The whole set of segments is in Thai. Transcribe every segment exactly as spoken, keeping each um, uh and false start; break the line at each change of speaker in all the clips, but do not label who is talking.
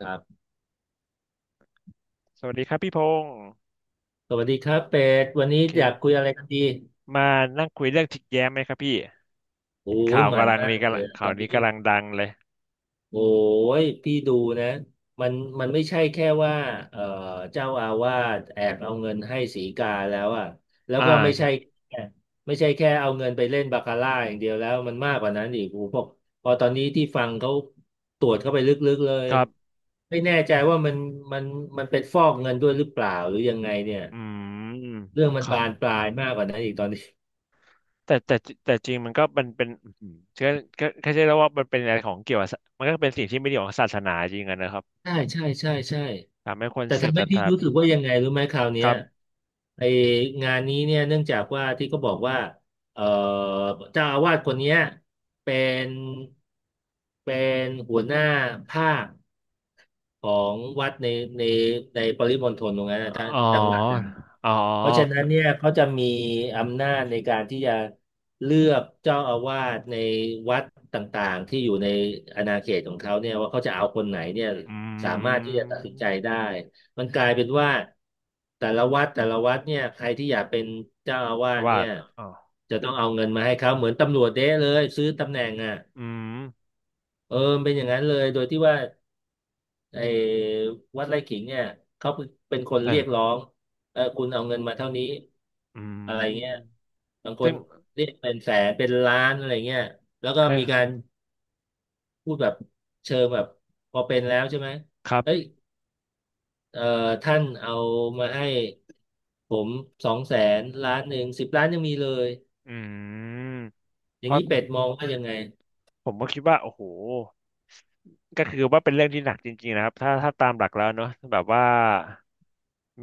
ครับ
สวัสดีครับพี่พงศ์
สวัสดีครับเป็ดวัน
โอ
นี้อยากคุย
เค
อะไรกันดี
มานั่งคุยเรื่องจิกแย้มไหมครับพี่
โอ้
เห็นข่า
ย
ว
มัน
กำลัง
มา
นี้
กเล
กำลั
ย
ง
อะต
ข่า
อ
ว
น
นี้
นี้
กำลังดังเลย
โอ้ยพี่ดูนะมันมันไม่ใช่แค่ว่าเอ่อเจ้าอาวาสแอบเอาเงินให้สีกาแล้วอ่ะแล้ว
อ่า
ก็ไม่
ค
ใช่
รับ
แค่ไม่ใช่แค่เอาเงินไปเล่นบาคาร่าอย่างเดียวแล้วมันมากกว่านั้นอีกโอ้โหพอพอตอนนี้ที่ฟังเขาตรวจเข้าไปลึกๆเลย
ครับ
ไม่แน่ใจว่ามันมันมันเป็นฟอกเงินด้วยหรือเปล่าหรือยังไงเนี่ย
อืม
เรื่องมัน
ค่ะ
บานปลายมากกว่านั้นอีกตอนนี้
แต่แต่แต่จริงมันก็มันเป็นอืมก็ก็ก็ใช่แล้วว่ามันเป็นอะไรของเกี่ยวกับศามันก็เป็นสิ่งที่ไม่ดีของศาสนาจริงอะนะครับ
ใช่ใช่ใช่ใช่
ทำให้คน
แต่
เสื่อม
ทำ
ศ
ให้
รัท
พี่
ธาไป
รู้สึกว่ายังไงรู้ไหมคราวเนี้
ค
ย
รับ
ไองานนี้เนี่ยเนื่องจากว่าที่เขาบอกว่าเอ่อเจ้าอาวาสคนเนี้ยเป็นเป็นหัวหน้าภาค ของวัดในในในปริมณฑลตรงนั้นนะ้าน
อ๋อ
จังหวัดนั้น
อ๋อ
เพราะฉะนั้นเนี่ยเขาจะมีอำนาจในการที่จะเลือกเจ้าอาวาสในวัดต่างๆที่อยู่ในอาณาเขตของเขาเนี่ยว่าเขาจะเอาคนไหนเนี่ย
อื
สามารถที่จะตัดสินใจได้
ม
มันกลายเป็นว่าแต่ละวัดแต่ละวัดเนี่ยใครที่อยากเป็นเจ้าอาวาส
ว่า
เนี่ย
อ๋อ
จะต้องเอาเงินมาให้เขาเหมือนตำรวจเด้เลยซื้อตำแหน่งอ่ะ
อืม
เออเป็นอย่างนั้นเลยโดยที่ว่า ไอ้วัดไร่ขิงเนี่ยเขาเป็นคน
แต่
เรียกร้องเออคุณเอาเงินมาเท่านี้
อื
อะไรเงี้ย
ม
บางค
ซึ่
น
ง
เรียกเป็นแสนเป็นล้านอะไรเงี้ยแล้วก็
ใค
มีกา
ร
รพูดแบบเชิงแบบพอเป็นแล้วใช่ไหม
ครั
เฮ้ย
บ
เอ่อท่านเอามาให้ผมสองแสนล้านหนึ่งสิบล้านยังมีเลย
อืม
อ
เพ
ย่าง
ราะ
นี้เป็ดมองว่ายังไง
ผมก็คิดว่าโอ้โหก็คือว่าเป็นเรื่องที่หนักจริงๆนะครับถ้าถ้าตามหลักแล้วเนอะแบบว่า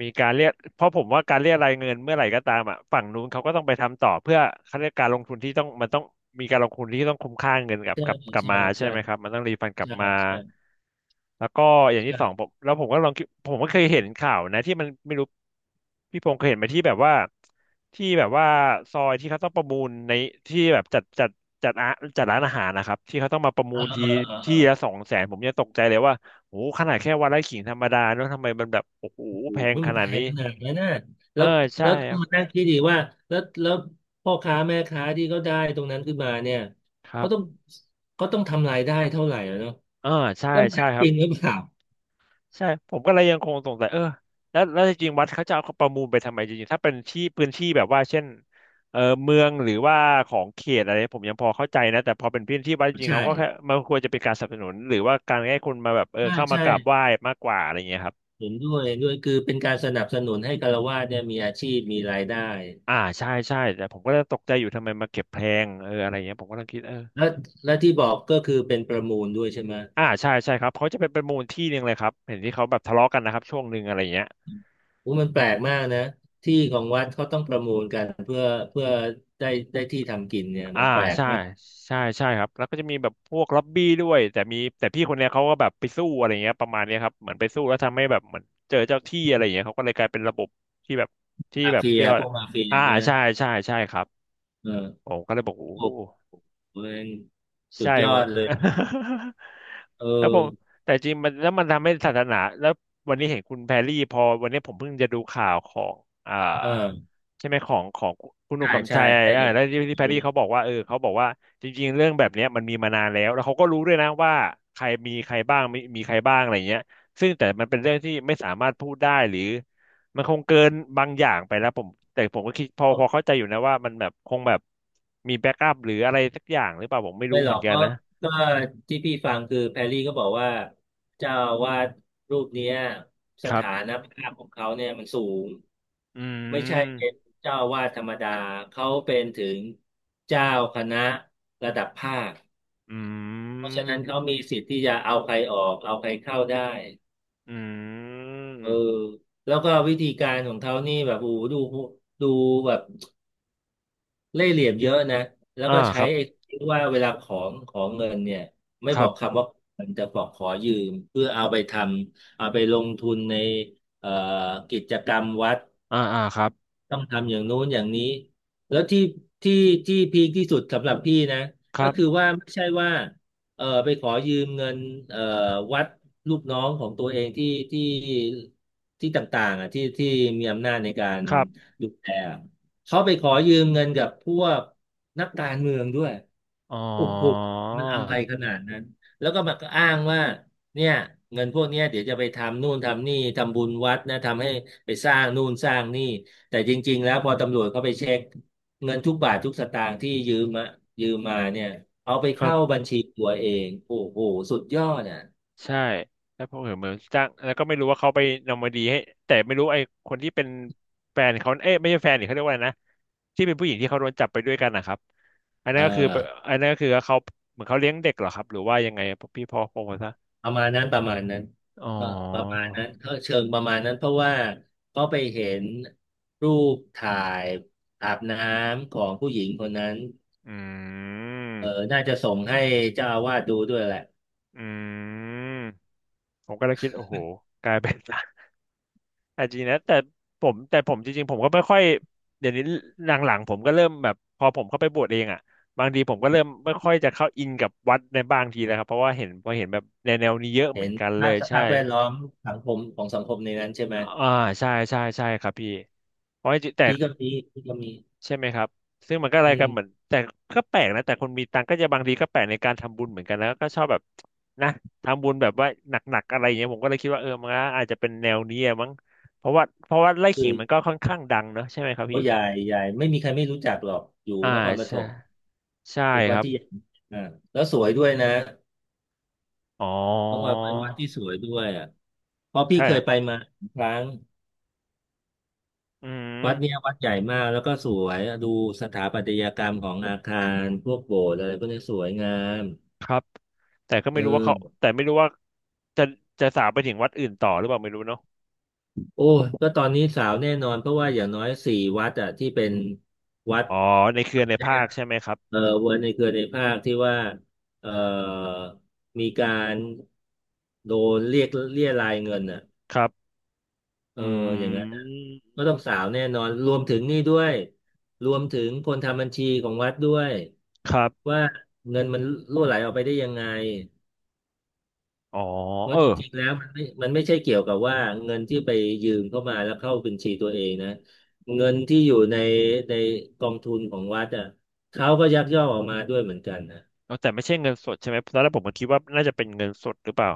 มีการเรียกเพราะผมว่าการเรียกรายเงินเมื่อไหร่ก็ตามอ่ะฝั่งนู้นเขาก็ต้องไปทำต่อเพื่อเขาเรียกการลงทุนที่ต้องมันต้องมีการลงทุนที่ต้องคุ้มค่าเงินกลับ
ใช่
กลับกลับ
ใช่
มาใช่
ใช่
ไหมครับมันต้องรีฟันกลับ
ใช่
มา
ใช่
แล้วก็อย่างที่สอง
ใช่
ผมแล้วผมก็ลองคิดผมก็เคยเห็นข่าวนะที่มันไม่รู้พี่พงศ์เคยเห็นไหมที่แบบว่าที่แบบว่าซอยที่เขาต้องประมูลในที่แบบจัดจัดจัดอาจัดร้านอาหารนะครับที่เขาต้องมาประมู
อ่า
ลที
อ่า
ที่
อ่า
ละสองแสนผมยังตกใจเลยว่าโอ้โหขนาดแค่วันละขิงธรรมดาเนอะทำไมมันแบบโอ้โห
อุ้
แพ
ย
ง
มัน
ข
แพ
นาดนี้
งขนาดนั้นนะ
เอ
แล้
อ
ว
ใช่
แล้วต้อ
ค
ง
รับ
มานั่งคิดดีว่าแล้วแล้วพ่อค้าแม่ค้าที่เขาได้ตรงนั้นขึ้นมาเนี่ย
ครั
เขาต้อง
บ
เขาต้องทำรายได้เท่าไหร่อะเนาะ
เออใช่
แล้วมัน
ใช่
ได้
ค
จ
รับ
ริงหรือเปล่า
ใช่ผมก็เลยยังคงสงสัยเออแล้วแล้วจริงๆวัดเขาจะเอาประมูลไปทำไมจริงๆถ้าเป็นที่พื้นที่แบบว่าเช่นเออเมืองหรือว่าของเขตอะไรผมยังพอเข้าใจนะแต่พอเป็นพื้นที่วัดจริงๆ
ใช่
เขาก็แค่มันควรจะเป็นการสนับสนุนหรือว่าการให้คนมาแบบเออ
ใช่
เข้ามา
ใช่
กราบไหว้มากกว่าอะไรเงี้ยครับ
เห็นด้วยเห็นด้วยคือเป็นการสนับสนุนให้ฆราวาสเนี่ยมีอาชีพมีรายได้
อ่าใช่ใช่แต่ผมก็เลยตกใจอยู่ทำไมมาเก็บแพงเอออะไรเงี้ยผมก็เลยคิดเออ
แล้วและที่บอกก็คือเป็นประมูลด้วยใช่ไหม
อ่าใช่ใช่ครับเขาจะเป็นประมูลที่หนึ่งเลยครับเห็นที่เขาแบบทะเลาะกันนะครับช่วงหนึ่งอะไรเงี้ย
โอ้มันแปลกมากนะที่ของวัดเขาต้องประมูลกันเพื่อเพื่อได้ได้ที่ทำกินเนี่ย
อ่า
มันแปลก
ใช่
นะ
ใช่ใช่ครับแล้วก็จะมีแบบพวกล็อบบี้ด้วยแต่มีแต่พี่คนเนี้ยเขาก็แบบไปสู้อะไรเงี้ยประมาณเนี้ยครับเหมือนไปสู้แล้วทำให้แบบเหมือนเจอเจ้าที่อะไรเงี้ยเขาก็เลยกลายเป็นระบบที่แบบที่
มา
แบบ
เฟีย
เรียกว่า
พวกมาเฟีย
อ่า
ใช่ไหม
ใช่ใช่ใช่ครับ
เออ
ผมก็เลยบอกโอ้
โอ้โหเป็นสุ
ใช่
ดยอ
ผม
ดเลยเอ
แล้วผ
อ
มแต่จริงมันแล้วมันทำให้ศาสนาแล้ววันนี้เห็นคุณแพรรี่พอวันนี้ผมเพิ่งจะดูข่าวของอ่า
เออ
ใช่ไหมของของคุณหนุ่
ใช่
มกำ
ใช่
ชัย
ใน
เออแล้วที่ที่แพรรี่เขาบอกว่าเออเขาบอกว่าจริงๆเรื่องแบบเนี้ยมันมีมานานแล้วแล้วเขาก็รู้ด้วยนะว่าใครมีใครบ้างมีมีใครบ้างอะไรเงี้ยซึ่งแต่มันเป็นเรื่องที่ไม่สามารถพูดได้หรือ มันคงเกินบางอย่างไปแล้วผมแต่ผมก็คิดพอพอเข้าใจอยู่นะว่ามันแบบคงแบบมีแบ็กอัพหรืออะไรสักอย่างหรือเปล่าผมไม่
ไม่
รู้
หร
เหมื
อ
อ
ก
นกัน
ก็
นะ
ก็ที่พี่ฟังคือแพรรี่ก็บอกว่าเจ้าอาวาสรูปเนี้ยส
ครั
ถาน
บ
ภาพของเขาเนี่ยมันสูง
อื
ไม่ใช่เป็น
ม
เจ้าอาวาสธรรมดาเขาเป็นถึงเจ้าคณะระดับภาค
อื
เพราะฉะนั้นเขา
ม
มีสิทธิ์ที่จะเอาใครออกเอาใครเข้าได้
อื
เออ
ม
แล้วก็วิธีการของเขานี่แบบโอ้โหดูดูแบบ เล่ห์เหลี่ยมเยอะนะแล้ว
อ่า
ก็
ค
ใช้
รับ
ไอ้ที่ว่าเวลาของของเงินเนี่ยไม่
ค
บ
รั
อก
บ
คำว่ามันจะบอกขอยืมเพื่อเอาไปทำเอาไปลงทุนในเอ่อกิจกรรมวัด
อ่าอ่าครับ
ต้องทำอย่างโน้นอย่างนี้แล้วที่ที่ที่พีคที่สุดสำหรับพี่นะ
ค
ก็
รั
คือ
บ
ว่าไม่ใช่ว่าเออไปขอยืมเงินเออวัดลูกน้องของตัวเองที่ที่ที่ต่างๆอ่ะที่ที่มีอำนาจในการ
ครับ
ดูแลเขาไปขอยืมเงินกับพวกนักการเมืองด้วย
อ๋อ
โอ้โหมันอะไรขนาดนั้นแล้วก็มาก็อ้างว่าเนี่ยเงินพวกเนี้ยเดี๋ยวจะไปทำนู่นทำนี่ทำบุญวัดนะทำให้ไปสร้างนู่นสร้างนี่ แต่จริงๆแล้วพอตำรวจเขาไปเช็คเงินทุกบาททุกสตางค์ที่ยืมมายืมมาเนี่ยเอาไป
ครั
เข้า
บ
บัญชีตัวเองโอ้โหสุดยอดอ่ะ
ใช่แล้วพอเห็นเหมือนจ้างแล้วก็ไม่รู้ว่าเขาไปนอร์มาดีให้แต่ไม่รู้ไอ้คนที่เป็นแฟนเขาเอ๊ะไม่ใช่แฟนนีเขาเรียกว่าอะไรนะที่เป็นผู้หญิงที่เขาโดนจับไปด้วยกันนะครับอัน
เอ
นั้
อ
นก็คืออันนั้นก็คือเขาเหมือนเขาเลี้ยงเด็กเหรอครับหรือว่ายังไงพี่พอพงศ์ซะ
ประมาณนั้นประมาณนั้น
อ๋อ
เออประมาณนั้นก็เชิงประมาณนั้นเพราะว่าเขาไปเห็นรูปถ่ายอาบน้ำของผู้หญิงคนนั้น
อื
เออ
ม
น่าจะส่งให้เจ้าอาวาสดูด้วยแหละ
อืมผมก็เลยคิดโอ้โหกลายเป็น อาจจะนะแต่ผมแต่ผมจริงๆผมก็ไม่ค่อยเดี๋ยวนี้หลังๆผมก็เริ่มแบบพอผมเข้าไปบวชเองอ่ะบางทีผมก็เริ่มไม่ค่อยจะเข้าอินกับวัดในบางทีแล้วครับเพราะว่าเห็นพอเห็นแบบแนวแนวนี้เยอะเห
เห็
มือ
น
นกันเล
ภาพ
ย
ส
ใช่
ภาพแวดล้อมสังคมของสังคมในนั้นใช่ไหม
อ่าใช่ใช่ใช่ครับพี่เพราะจริงแต่
พี่ก็มีพี่ก็มี
ใช่ไหมครับ ซึ่งมันก็อะไร
อื
กันเห
ม
มือนแต่ก็แปลกนะแต่คนมีตังค์ก็จะบางทีก็แปลกในการทำบุญเหมือนกันแล้วก็ชอบแบบนะทำบุญแบบว่าหนักๆอะไรอย่างเงี้ยผมก็เลยคิดว่าเออมันก็อาจจะเป็นแนวนี้อะมั้งเพราะว่าเพราะว่าไล่
คื
ขิ
อ
งมันก็ค่อนข้างดังเนอะใช่ไหมครับ
โอ้
พี่
ยายยายไม่มีใครไม่รู้จักหรอกอยู่
อ่า
นครปฐ
ใช่
ม
ใช่
เป็น
ค
วัด
รับ
ที่อ่าแล้วสวยด้วยนะ
อ๋อ
เพราะว่าเป็นวัดที่สวยด้วยอ่ะเพราะพี่
ใช่
เค
ค
ย
รับ
ไปมาครั้ง
อืม
วัดเนี้ยวัดใหญ่มากแล้วก็สวยดูสถาปัตยกรรมของอาคารพวกโบสถ์อะไรพวกนี้สวยงาม
ครับแต่ก็
เอ
ไม่รู้ว่าเขา
อ
แต่ไม่รู้ว่าจะจะสาวไปถึงวัดอื่นต่อหรือเปล่าไม่รู้เนาะ
โอ้ยก็ตอนนี้สาวแน่นอนเพราะว่าอย่างน้อยสี่วัดอ่ะที่เป็นวัด
อ๋อในเครือในภา
เนี่ย
คใช่ไหมครับ
เออเวอร์ในเครือในภาคที่ว่าเออมีการโดนเรียกเรียรายเงินอ่ะ
ครับ
เอ
อื
ออย่างนั้นน่ะ
ม
ก็ต้องสาวแน่นอนรวมถึงนี่ด้วยรวมถึงคนทำบัญชีของวัดด้วย
ครับ
ว่าเงินมันรั่วไหลออกไปได้ยังไง
อ๋อ
เพ
เอ
ราะ
อ
จริงๆแล้วมันไม่มันไม่ใช่เกี่ยวกับว่าเงินที่ไปยืมเข้ามาแล้วเข้าบัญชีตัวเองนะเงินที่อยู่ในในกองทุนของวัดอ่ะเขาก็ยักยอกออกมาด้วยเหมือนกันนะ
เอาแต่ไม่ใช่เงินสดใช่ไหมตอนแรกผมก็คิดว่าน่าจะเป็นเงินสดหรือเปล่า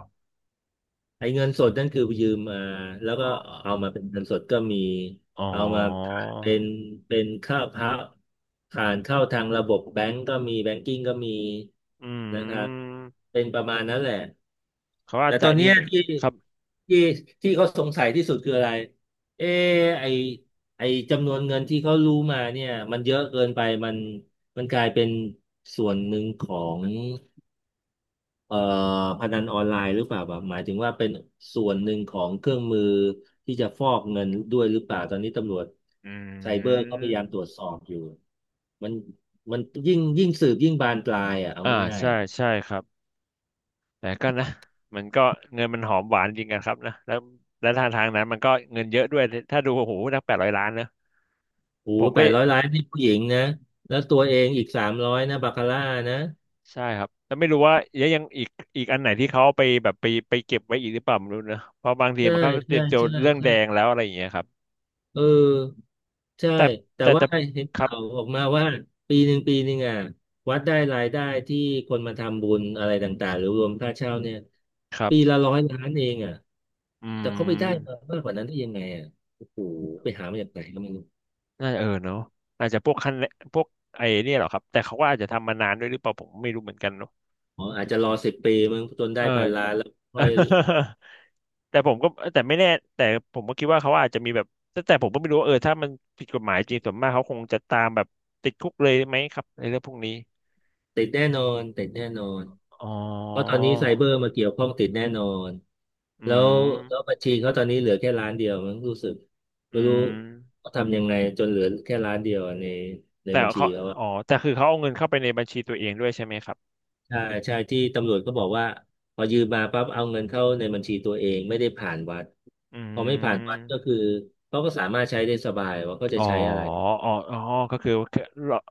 ไอ้เงินสดนั่นคือยืมมาแล้วก็
อ๋อ
เอามาเป็นเงินสดก็มี
อ๋อ
เอามาเป็นเป็นค่าพักผ่านเข้าทางระบบแบงก์ก็มีแบงกิ้งก็มี
อื
นะครับ
ม
เป็นประมาณนั้นแหละ
เขาอา
แต่
จ
ต
จะ
อนเนี้
นี่
ย
ไหม
ที่
ครับ
ที่ที่เขาสงสัยที่สุดคืออะไรเออไอไอจำนวนเงินที่เขารู้มาเนี่ยมันเยอะเกินไปมันมันกลายเป็นส่วนหนึ่งของ เอ่อพนันออนไลน์หรือเปล่าแบบหมายถึงว่าเป็นส่วนหนึ่งของเครื่องมือที่จะฟอกเงินด้วยหรือเปล่าตอนนี้ตำรวจ
อื
ไซเบอร์ก็พยายาม
ม
ตรวจสอบอยู่มันมันยิ่งยิ่งสืบยิ่งบานปลายอ่ะเอา
อ่า
ง่าย
ใช่
ๆอ่ะ
ใช่ครับแต่ก็นะมันก็เงินมันหอมหวานจริงกันครับนะแล้วแล้วทางทางนั้นมันก็เงินเยอะด้วยถ้าดูโอ้โหนักแปดร้อยล้านนะ
โอ้
ผม
แป
ก็
ดร้อยล้านนี่ผู้หญิงนะแล้วตัวเองอีกสามร้อยนะบาคาร่านะ
ใช่ครับแล้วไม่รู้ว่ายังยังอีกอีกอันไหนที่เขาเอาไปแบบไปไปเก็บไว้อีกหรือเปล่าไม่รู้นะเพราะบางที
ใช่
มันก็เตรี
ใช่
ยมเจอ
ใช่
เรื่อง
ใช่
แดงแล้วอะไรอย่างเงี้ยครับ
เออใช่
แต่
แต่
แต่
ว่า
แต่
เห็น
ครั
ข่า
บ
วออกมาว่าปีหนึ่งปีหนึ่งอ่ะวัดได้รายได้ที่คนมาทำบุญอะไรต่างๆหรือรวมค่าเช่าเนี่ย
ครั
ปี
บ
ละร้อยล้านเองอ่ะ
อื
แต่เขาไปได้มา
ม
มากกว่านั้นได้ยังไงอ่ะโอ้โหไปหามาจากไหนก็ไม่รู้
น่าจะเออเนาะอาจจะพวกคันพวกไอ้เนี่ยเหรอครับแต่เขาก็อาจจะทำมานานด้วยหรือเปล่าผมไม่รู้เหมือนกันเนาะ
อ๋ออาจจะรอสิบปีมึงจนได้
เออ
พันล้านแล้วค่อย
แต่ผมก็แต่ไม่แน่แต่ผมก็คิดว่าเขาอาจจะมีแบบแต่แต่ผมก็ไม่รู้ว่าเออถ้ามันผิดกฎหมายจริงส่วนมากเขาคงจะตามแบบติดคุกเลยไหมครับในเรื่องพวกนี้
ติดแน่นอนติดแน่นอน
อ๋อ
เพราะตอนนี้ไซเบอร์มาเกี่ยวข้องติดแน่นอน
อื
แล้วแล้ว
ม
บัญชีเขาตอนนี้เหลือแค่ล้านเดียวมั้งรู้สึก
อื
ไม่รู้
ม
เขาทำยังไงจนเหลือแค่ล้านเดียวในใน
แต่
บัญชี
เขา
เขาอะ
อ๋อแต่คือเขาเอาเงินเข้าไปในบัญชีตัวเองด้วยใช่ไหมครับ
ใช่ใช่ที่ตำรวจก็บอกว่าพอยืมมาปั๊บเอาเงินเข้าในบัญชีตัวเองไม่ได้ผ่านวัด
อื
พอไม่ผ่านวัดก็
ม
คือเขาก็สามารถใช้ได้สบายว่าเขาจะ
อ๋อ
ใช้อะไร
อ๋ออ๋อก็คือ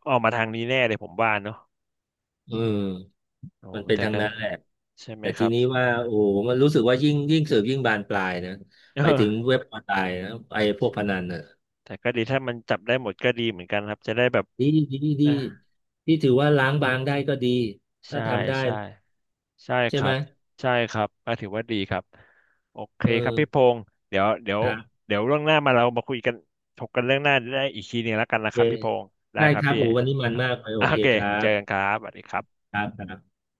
ออกมาทางนี้แน่เลยผมว่าเนอะ
อืม
โอ้
มันเป็น
แต่
ทาง
ก็
นั้นแหละ
ใช่ไหม
แต่
ค
ที
รับ
นี้ว่าโอ้โหมันรู้สึกว่ายิ่งยิ่งสืบยิ่งบานปลายนะ
เอ
ไปถึง
อ
เว็บออนไลน์นะไอ้พวกพนันน่ะ
แต่ก็ดีถ้ามันจับได้หมดก็ดีเหมือนกันครับจะได้แบบ
ดีดีดี
นะ
ที่ถือว่าล้างบางได้ก็ดีถ้า
ใช่
ทำได้
ใช่ใช่
ใช่
ค
ไห
รั
ม
บใช่ครับก็ถือว่าดีครับโอเค
เอ
ครับพี่พ
อ
งศ์เดี๋ยวเดี๋ยว
ครับ
เดี๋ยวเรื่องหน้ามาเรามาคุยกันถกกันเรื่องหน้าได้อีกทีหนึ่งแล้วกัน
โอ
นะ
เค
ครับพี่พงศ์ได้
ได้
ครั
ค
บ
รับ
พี่
โอ้วันนี้มันมากเลยโอ
อ่ะโอ
เค
เค
ครั
เจอกันค
บ
รับสวัสดีครับ
ครับครับ